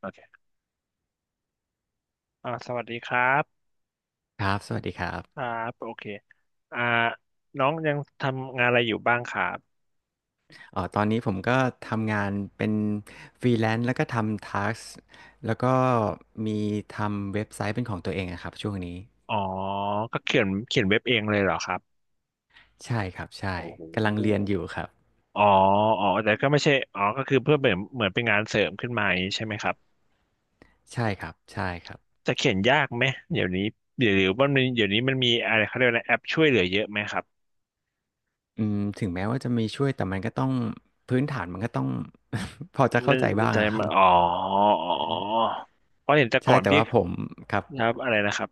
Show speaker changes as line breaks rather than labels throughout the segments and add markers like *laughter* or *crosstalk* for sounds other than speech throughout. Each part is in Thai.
โอเคสวัสดีครับ
ครับสวัสดีครับ
ครับโอเคอ่าน้องยังทำงานอะไรอยู่บ้างครับ
เอ๋อตอนนี้ผมก็ทำงานเป็นฟรีแลนซ์แล้วก็ทำทาสแล้วก็มีทำเว็บไซต์เป็นของตัวเองนะครับช่วงนี้
อ๋อ ก็เขียนเว็บเองเลยเหรอครับ
ใช่ครับใช่
โอ้โห
กำลังเรียนอยู่ครับ
อ๋ออ๋อแต่ก็ไม่ใช่อ๋อก็คือเพื่อเหมือนเป็นงานเสริมขึ้นมาอย่างนี้ใช่ไหมครับ
ใช่ครับใช่ครับ
จะเขียนยากไหมเดี๋ยวนี้เดี๋ยวเดี๋ยว่ามันมีเดี๋ยวนี้มันมีอะไรเขาเรียกว่าอะไรแอปช่วยเหลือเยอะไหมครับ
อืมถึงแม้ว่าจะมีช่วยแต่มันก็ต้องพื้นฐานมันก็ต้อง *laughs* พอจะเข้า
นั่น
ใจ
นั่
บ้า
น
ง
จะ
อะครั
มา
บ
อ๋อ อ๋อ เพราะเห็นแต่ก่
ใช่
อน
แต่
พี่
ว่าผมครับ
ครับ อะไรนะครับ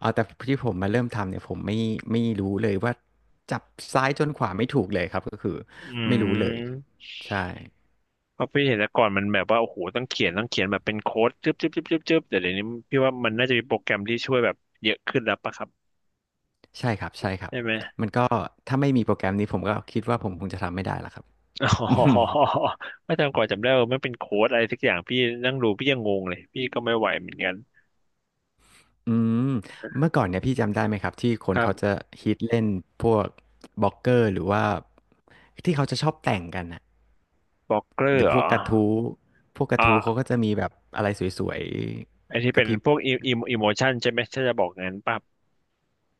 เอาแต่ที่ผมมาเริ่มทำเนี่ยผมไม่รู้เลยว่าจับซ้ายจนขวาไม่ถูกเลยครับก็คือ
อื
ไม่รู้เลย
ม
ใช่
เพราะพี่เห็นแต่ก่อนมันแบบว่าโอ้โหต้องเขียนแบบเป็นโค้ดจึ๊บจึ๊บจึ๊บจึ๊บจึ๊บแต่เดี๋ยวนี้พี่ว่ามันน่าจะมีโปรแกรมที่ช่วยแบบเยอะขึ้นแล้วปะครับ
ใช่ครับใช่ครับ
ใช่ไหม
มันก็ถ้าไม่มีโปรแกรมนี้ผมก็คิดว่าผมคงจะทำไม่ได้ละครับ
*laughs* อ๋
*laughs* อืม
อไม่จำก่อนจำได้ว่ามันเป็นโค้ดอะไรสักอย่างพี่นั่งดูพี่ยังงงเลยพี่ก็ไม่ไหวเหมือนกัน
อืมเมื่อก่อนเนี่ยพี่จำได้ไหมครับที่ค
ค
น
รั
เขา
บ
จะฮิตเล่นพวกบล็อกเกอร์หรือว่าที่เขาจะชอบแต่งกันน่ะ
บล็อกเกอ
ห
ร์
รือ
เหร
พ
อ
วกกระทู้พวกกระทู้เขาก็
อ่ะ
จะมีแบบอะไรสวย
ไอที่
ๆก
เป็
ระ
น
พริบ
พวกอิมอิโมชันใช่ไหมถ้าจะบอกงั้นปั๊บ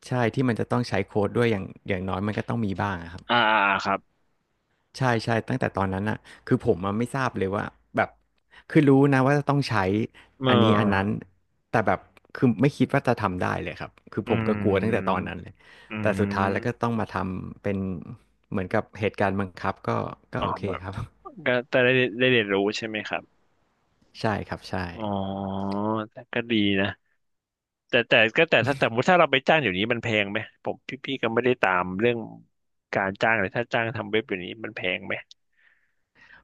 ใช่ที่มันจะต้องใช้โค้ดด้วยอย่างน้อยมันก็ต้องมีบ้างอะครับ
อ่าอ่าครับ
ใช่ใช่ตั้งแต่ตอนนั้นน่ะคือผมอะไม่ทราบเลยว่าแบบคือรู้นะว่าจะต้องใช้
เ
อันนี้อันนั้น
ออ
แต่แบบคือไม่คิดว่าจะทำได้เลยครับคือ
อื
ผมก็กลัวตั้งแต่ตอ
ม
นนั้นเลย
อื
แต่สุดท้ายแล้วก็
ม
ต้องมาทำเป็นเหมือนกับเหตุการณ์บังคับก็ก็
อ๋อ
โอเค
แบบ
ครับ
ก็แต่ได้ได้เรียนรู้ใช่ไหมครับ
*laughs* ใช่ครับใช่
อ๋อแต่ก็ดีนะ แต่แต่ก็แต่ถ้าแต่สมมติถ้าเราไปจ้างอยู่นี้มันแพงไหมผมพี่พี่ก็ไม่ได้ตามเรื่องการจ้างเลยถ้าจ้างทำเว็บอยู่นี้มันแพงไหม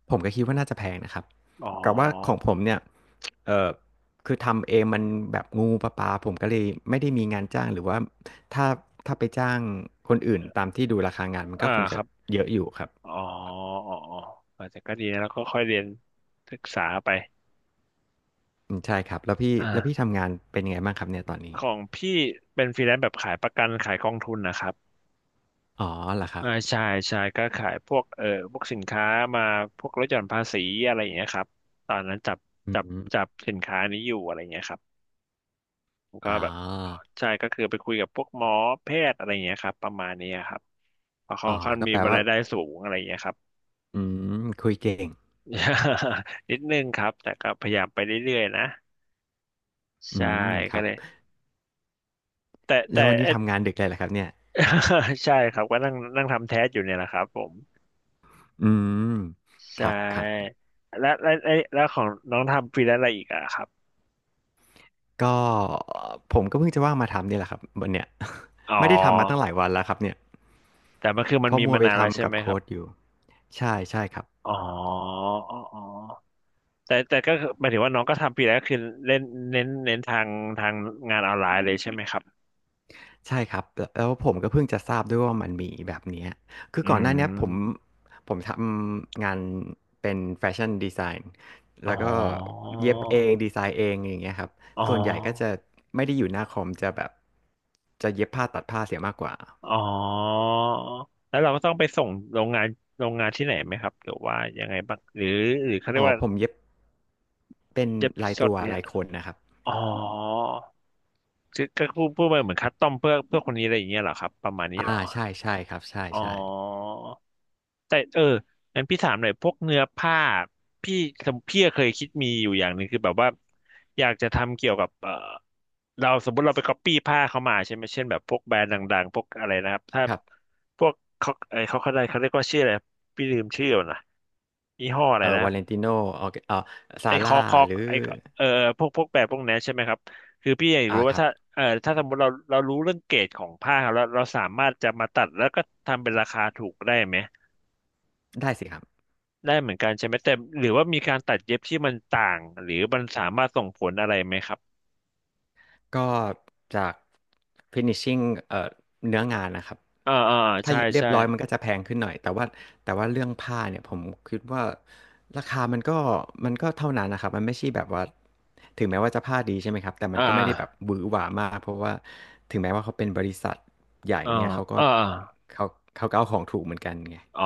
ผมก็คิดว่าน่าจะแพงนะครับ
อ๋อ
กับว่าของผมเนี่ยเออคือทำเองมันแบบงูปลาปลาผมก็เลยไม่ได้มีงานจ้างหรือว่าถ้าถ้าไปจ้างคนอื่นตามที่ดูราคางานมัน
อ่า
ก็คง
ค
จะ
รับ
เยอะอยู่ครับ
อ๋ออ๋ออ๋อเออแต่ก็ดีนะแล้วก็ค่อยเรียนศึกษาไป
อืมใช่ครับ แล้วพี่
อ่า
ทำงานเป็นยังไงบ้างครับเนี่ยตอนนี้
ของพี่เป็นฟรีแลนซ์แบบขายประกันขายกองทุนนะครับ
อ๋อเหรอครับ
ใช่ใช่ก็ขายพวกพวกสินค้ามาพวกลดหย่อนภาษีอะไรอย่างเงี้ยครับตอนนั้นจับ
อื
จับ
ม
จับสินค้านี้อยู่อะไรอย่างเงี้ยครับ ผมก็
อ๋
แบบเอ่อ
อ
ใช่ก็คือไปคุยกับพวกหมอแพทย์อะไรอย่างเงี้ยครับประมาณนี้ครับเพราะเขอ
อ๋อ
งค่อน
ก็
มี
แปลว่า
รายได้สูงอะไรอย่างเงี้ยครับ
อืมคุยเก่ง
*laughs* นิดนึงครับแต่ก็พยายามไปเรื่อยๆนะ
อื
ใช่
มค
ก็
รับ
เลยแต่
แล้ววัน
*laughs*
นี้ทำงานดึกเลยเหรอครับเนี่ย
*laughs* ใช่ครับก็นั่งนั่งทำแท้สอยู่เนี่ยแหละครับผม
อืม
ใช
ครับครับ
่และแล้วของน้องทำฟรีแลนซ์อะไรอีกอะครับ
ก็ผมก็เพิ่งจะว่างมาทำนี่แหละครับวันเนี้ย
อ๋
*laughs* ไม่ได้ทำมาตั้งหลา
อ
ยวันแล้วครับเนี่ย
แต่มันคือมั
เพ
น
อ
มี
มัว
มา
ไป
นานแล้วใช่
ทำกับ
ไหมค
โค้
รับ
ดอยู่ใช่ใช่ครับ
อ๋ออ๋ออ๋อ แต่แต่ก็คือหมายถึงว่าน้องก็ทำปีแล้วก็คือเล่นเน้นทางทางงานออนไลน์เลยใช่ไหมครับ
ใช่ครับแล้วผมก็เพิ่งจะทราบด้วยว่ามันมีแบบเนี้ยคือ
อื
ก่อนหน้าเนี้ยผม
ม
ผมทำงานเป็นแฟชั่นดีไซน์
อ๋อ
แล้วก็เย็บเองดีไซน์เองอย่างเงี้ยครับ
อ๋อ
ส่วนใหญ่ก็จะไม่ได้อยู่หน้าคอมจะแบบจะเย็บผ้าตัดผ้าเสียมากกว่า
อ๋อแล้วเราก็ต้องไปส่งโรงงานโรงงานที่ไหนไหมครับหรือว่ายังไงบ้างหรือหรือเขาเรีย
อ๋
ก
อ
ว่า
ผมเย็บเป็น
เย็บ
ลาย
สด
ตัว
เนี่ย
ลายคนนะครับ
อ๋อคือก็พูดไปเหมือนคัสตอมเพื่อคนนี้อะไรอย่างเงี้ยเหรอครับประมาณนี้เหร
อ่า
อ
ใช่ใช่ครับใช่
อ๋อ
ใช่
แต่งั้นพี่ถามหน่อยพวกเนื้อผ้าพี่สมพี่เคยคิดมีอยู่อย่างหนึ่งคือแบบว่าอยากจะทำเกี่ยวกับเราสมมติเราไปก๊อปปี้ผ้าเขามาใช่ไหมเช่นแบบพวกแบรนด์ดังๆพวกอะไรนะครับถ้า
ครับ
พวกเขาไอเขาเขาได้เขาเรียกว่าชื่ออะไรพี่ลืมชื่อแล้วนะยี่ห้ออะไรนะ
วาเลนติโนออ
ไอ
ซา
ค
ร่า
อกคอ
ห
ก
รือ
ไอเออพวกพวกแบรนด์พวกนั้นใช่ไหมครับคือพี่อยาก
อ่า
รู้
ค
ว่า
รับ
ถ้าถ้าสมมติเราเรารู้เรื่องเกรดของผ้าแล้วเราสามารถจะมาตัดแล้วก็ทำเป็นราคาถูกได้ไหม
ได้สิครับ
ได้เหมือนกันใช่ไหมแต่หรือว่ามีการตัดเย็บที่มันต่างหรือมันสามารถส่งผลอะไรไหมครับ
ก็จาก finishing เอ่อเนื้องานนะครับ
อ่าอ่า
ถ้า
ใช่
เย็บเรีย
ใช่
บร้อยมันก็จะแพงขึ้นหน่อยแต่ว่าเรื่องผ้าเนี่ยผมคิดว่าราคามันก็เท่านั้นนะครับมันไม่ใช่แบบว่าถึงแม้ว่าจะผ้าดีใช่ไหมครับแต่มั
อ่
นก็ไม่ได้แบบ
า
หวือหวามากเพราะว่าถึงแม้ว่าเขาเป็นบริษัทใหญ่
อ่า
เงี้ยเขาก็
อ่า
เขาเขาก็เอาของถูกเหมือนกันไง
อ๋อ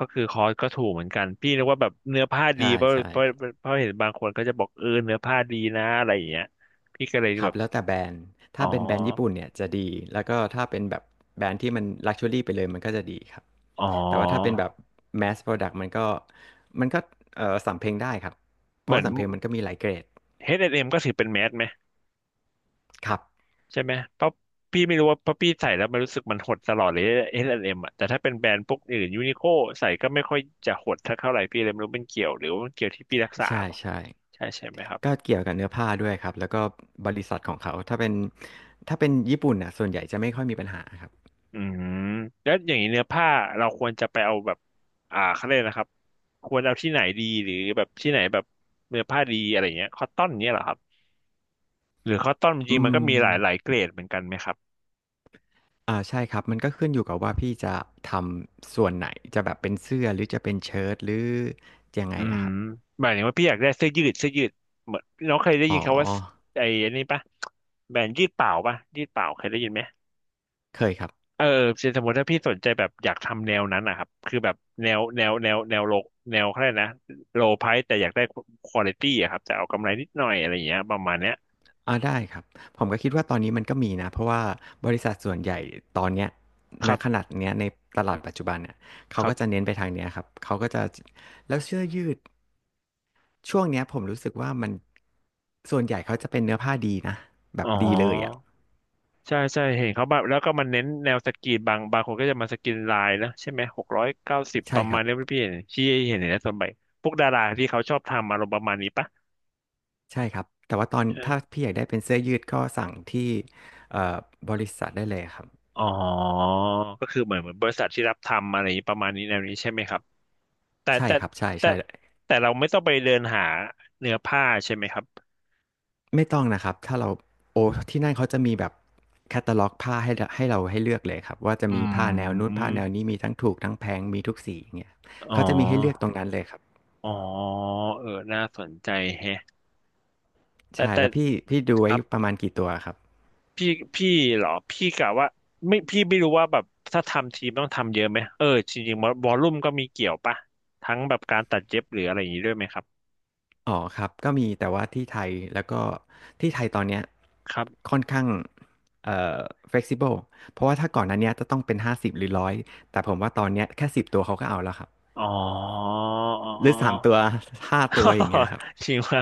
ก็คือคอสก็ถูกเหมือนกันพี่นึกว่าแบบเนื้อผ้าดี
ใช่
เพราะ
ใช่
เพราะเพราะเห็นบางคนก็จะบอกเนื้อผ้าดีนะอะไรอย่างเงี้ยพี่ก็เลย
ค
แบ
รับ
บ
แล้วแต่แบรนด์
อ๋อ
ถ้าเป็นแบรนด์ญี่ปุ่นเนี่ยจะดีแล้วก็ถ้าเป็นแบบแบรนด์ที่มัน Luxury ไปเลยมันก็จะดีครับ
อ๋อ
แต่ว่าถ้าเป็นแบบ Mass Product มันก็มันก็สำเพ็งได้ครับเพ
เห
ราะ
มือ
ว่า
น
สำเพ็งมันก็มีหลายเกรด
เอชแอนด์เอ็มก็ถือเป็นแมสไหม
ครับ
ใช่ไหมเพราะพี่ไม่รู้ว่าเพราะพี่ใส่แล้วมันรู้สึกมันหดตลอดเลย H&M อสแอนด์เอ็มอ่ะแต่ถ้าเป็นแบรนด์พวกอื่นยูนิโคใส่ก็ไม่ค่อยจะหดเท่าไหร่พี่เลยไม่รู้เป็นเกี่ยวหรือว่ามันเกี่ยวที่พี่รักษาป่ะ
ใช่
ใช่ใช่ไหมครับ
ๆก็เกี่ยวกับเนื้อผ้าด้วยครับแล้วก็บริษัทของเขาถ้าเป็นญี่ปุ่นน่ะส่วนใหญ่จะไม่ค่อยมีปัญหาครับ
อืมแล้วอย่างนี้เนื้อผ้าเราควรจะไปเอาแบบเขาเรียกนะครับควรเอาที่ไหนดีหรือแบบที่ไหนแบบเนื้อผ้าดีอะไรเงี้ยคอตตอนเนี้ยเหรอครับหรือคอตตอนจ
อื
ริงๆมันก็
ม
มีหลายเกรดเหมือนกันไหมครับ
อ่าใช่ครับมันก็ขึ้นอยู่กับว่าพี่จะทำส่วนไหนจะแบบเป็นเสื้อหรือจะเป็นเชิ้ตหรือยังไง
อืม
อะครับ
หมายถึงว่าพี่อยากได้เสื้อยืดเหมือนน้องเคยได้
อ๋อ
ยินคำว่าไอ้อันนี้ปะแบรนด์ยืดเปล่าปะยืดเปล่าเคยได้ยินไหม
เคยครับ
เออเช่นสมมติถ้าพี่สนใจแบบอยากทำแนวนั้นนะครับคือแบบแนวแนวแนวแนวโลแนวเขาเรียกนะโลไพรส์แต่อยากได้ควอลิตี้อะครับแต่เอากำไรนิดหน่อยอะไรอย่างเงี้ยประมาณเนี้ย
อาได้ครับผมก็คิดว่าตอนนี้มันก็มีนะเพราะว่าบริษัทส่วนใหญ่ตอนเนี้ย
ค
ณ
รั
ข
บ
นาดเนี้ยในตลาดปัจจุบันเนี่ย
ค
เขา
รั
ก็
บ
จะเน้นไปทางเนี้ยครับเขาก็จะแล้วเสื้อยืดช่วงเนี้ยผมรู้สึกว่ามันส่วนใหญ่เขาจะเป็นเนื้อผ้าดีนะแบ
อ๋
บ
อ
ดีเลยอะ
ใช่ใช่เห็นเขาแบบแล้วก็มันเน้นแนวสกรีนบางคนก็จะมาสกรีนลายนะใช่ไหม690ป
ใช่
ระ
ค
มา
รั
ณ
บ
นี้พี่เห็นที่เห็นในส่วนใหญ่พวกดาราที่เขาชอบทำอารมณ์ประมาณนี้ปะ
ใช่ครับแต่ว่าตอนถ้า
ใช่
พี่อยากได้เป็นเสื้อยืดก็สั่งที่เอ่อบริษัทได้เลยครับ
อ๋อก็คือเหมือนบริษัทที่รับทำอะไรอย่างนี้ประมาณนี้แนวนี้ใช่ไหมครับแต่
ใช่
แต่
ครับใช
แต่
่ๆ
แต่เราไม่ต้องไปเดินหาเนื้อผ้าใช่ไหมครับ
ไม่ต้องนะครับถ้าเราโอ้ที่นั่นเขาจะมีแบบแคตตาล็อกผ้าให้เราให้เลือกเลยครับว่าจะ
อื
มีผ้าแนวนู้นผ้าแนวนี้
ม
มีทั้งถูกทั้งแพงมีทุกสีอย่างเงี้ย
อ๋อ
เขาจะมีให้เลือกตรงนั้นเลยครับ
อ๋อเออน่าสนใจแฮะแต่
ใช่
แต่
แล้วพี่ดู
ค
ไว้
รับ
ประมาณกี่ตัวครับ
พี่พี่เหรอพี่กะว่าไม่พี่ไม่รู้ว่าแบบถ้าทำทีมต้องทำเยอะไหมเออจริงๆวอลลุ่มก็มีเกี่ยวปะทั้งแบบการตัดเย็บหรืออะไรอย่างนี้ด้วยไหมครับ
อ๋อครับก็มีแต่ว่าที่ไทยแล้วก็ที่ไทยตอนเนี้ย
ครับ
ค่อนข้างเอ่อ flexible เพราะว่าถ้าก่อนหนั้นเนี้ยจะต้องเป็นห้าสิบหรือร้อยแต่ผมว่าตอนเนี้ยแค่สิบตัวเขาก็เอาแล้วครับ
อ๋อ *laughs* อ๋อ
ห
อ๋อ
รือสามตัวห้าตัวอย่างเงี้ยครับ
*laughs* จริงว่า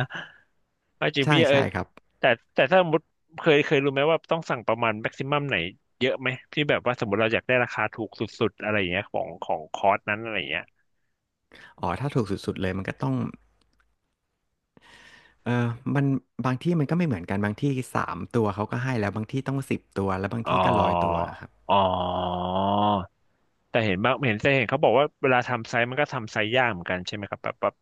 จริง
ใช่
พี่เออ
ใช่ครับ
แต่แต่ถ้าสมมติเคยรู้ไหมว่าต้องสั่งประมาณแม็กซิมัมไหนเยอะไหมที่แบบว่าสมมติเราอยากได้ราคาถูกสุดๆอะไรอย่างเงี้ยของคอร์สนั้นอะไรอย่างเงี้ย
อ๋อถ้าถูกสุดๆเลยมันก็ต้องเออมันบางที่มันก็ไม่เหมือนกันบางที่3ตัวเขาก็ให้แล้วบางที่ต้อง10ตัวแล้วบาง
อ๋อ
ที่ก็100ตัวอะครับ
อ๋อ แต่เห็นบางเห็นแต่เห็นเขาบอกว่าเวลาทำไซส์มันก็ทำไซส์ยากเหมือนกันใช่ไหมครับแบบ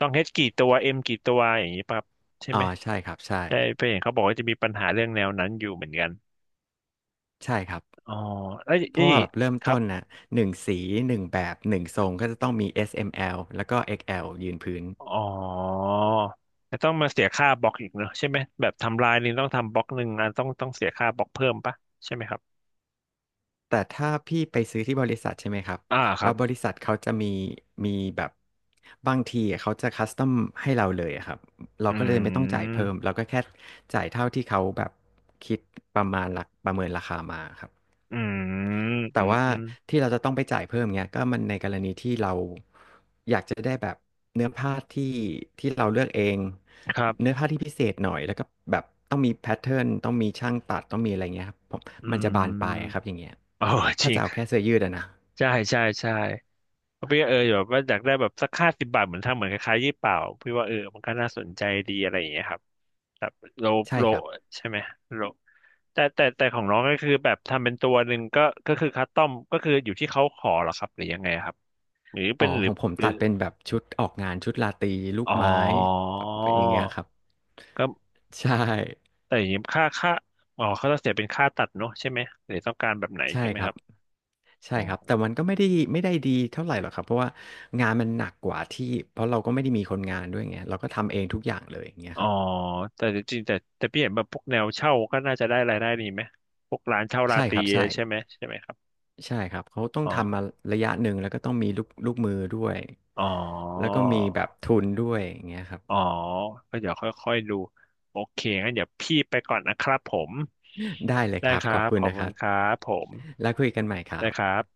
ต้องเฮดกี่ตัวเอ็มกี่ตัวอย่างนี้ปะครับใช่
อ๋อ
ไหม
ใช่ครับ ใช่
ใช่ไปเห็นเขาบอกว่าจะมีปัญหาเรื่องแนวนั้นอยู่เหมือนกัน
ใช่ครับ
อ๋อแล้ว
เพ
นี่
ราะว่าแบบเริ่ม
ครั
ต้
บ
นน่ะ1สี1แบบ1ทรงก็จะต้องมี S M L แล้วก็ XL ยืนพื้น
อ๋อแต่ต้องมาเสียค่าบล็อกอีกเนอะใช่ไหมแบบทำลายนี่ต้องทำบล็อกหนึ่งอันต้องเสียค่าบล็อกเพิ่มปะใช่ไหมครับ
แต่ถ้าพี่ไปซื้อที่บริษัทใช่ไหมครับ
อ่าค
แล้
รั
ว
บ
บริษัทเขาจะมีแบบบางทีเขาจะคัสตอมให้เราเลยอะครับ เรา
อื
ก็เลยไม่ต้องจ่ายเพิ่
ม
มเราก็แค่จ่ายเท่าที่เขาแบบคิดประมาณราประเมินราคามาครับ
อืม
แต่
อืม
ว่า
อืม
ที่เราจะต้องไปจ่ายเพิ่มเงี้ยก็มันในกรณีที่เราอยากจะได้แบบเนื้อผ้าที่เราเลือกเอง
ครั
เนื้อ
บ
ผ้าที่พิเศษหน่อยแล้วก็แบบต้องมีแพทเทิร์นต้องมีช่างตัดต้องมีอะไรเงี้ยครับผม
อื
มันจะบานปลายค
ม
รับอย่างเงี้ย
โอ้จ
ถ้า
ริง
จะเอาแค่เสื้อยืดอะนะ
ใช่ใช่ใช่ พี่ก็เออแบบว่าอยากได้แบบสัก50 บาทเหมือนทำเหมือนคล้ายๆยี่เป่าพี่ว่าเออมันก็น่าสนใจดีอะไรอย่างเงี้ยครับแบบโล
ใช่
โล
ครับ
ใช่ไหมโลแต่ของน้องก็คือแบบทำเป็นตัวหนึ่งก็ก็คือคัสตอมก็คืออยู่ที่เขาขอเหรอครับหรือยังไงครับหรือ
อ๋
เป็
อ
นหรื
ข
อ
องผม
หรื
ตั
อ
ดเป็นแบบชุดออกงานชุดราตรีลูก
อ๋อ
ไม้แบบอย่างเงี้ยครับ
ก็
ใช่
แต่อย่างนี้ค่าอ๋อเขาจะเสียเป็นค่าตัดเนอะใช่ไหมหรือต้องการแบบไหน
ใช่
ใช่ไหม
ครั
ค
บ
รับ
ใช่ครับแต่มันก็ไม่ได้ดีเท่าไหร่หรอกครับเพราะว่างานมันหนักกว่าที่เพราะเราก็ไม่ได้มีคนงานด้วยไงเราก็ทำเองทุกอย่างเลยอย่างเงี้ย
อ๋
ค
อ
รับ
แต่จริงๆแต่แต่พี่เห็นแบบพวกแนวเช่าก็น่าจะได้รายได้ดีไหมพวกร้านเช่ารา
ใช่
ต
ค
รี
รับใช่
ใช่ไหมใช่ไหมครับ
ใช่ครับเขาต้อง
อ๋อ
ทำมาระยะหนึ่งแล้วก็ต้องมีลูกมือด้วย
อ๋อ
แล้วก็มีแบบทุนด้วยอย่างเงี้ยครับ
อ๋อก็เดี๋ยวค่อยๆดูโอเคงั้นเดี๋ยวพี่ไปก่อนนะครับผม
ได้เลยค
ได้
รับ
ค
ข
รั
อบ
บ
คุ
ข
ณ
อบ
นะค
คุณ
รับ
ครับผม
แล้วคุยกันใหม่ครั
ได้
บ
ครับ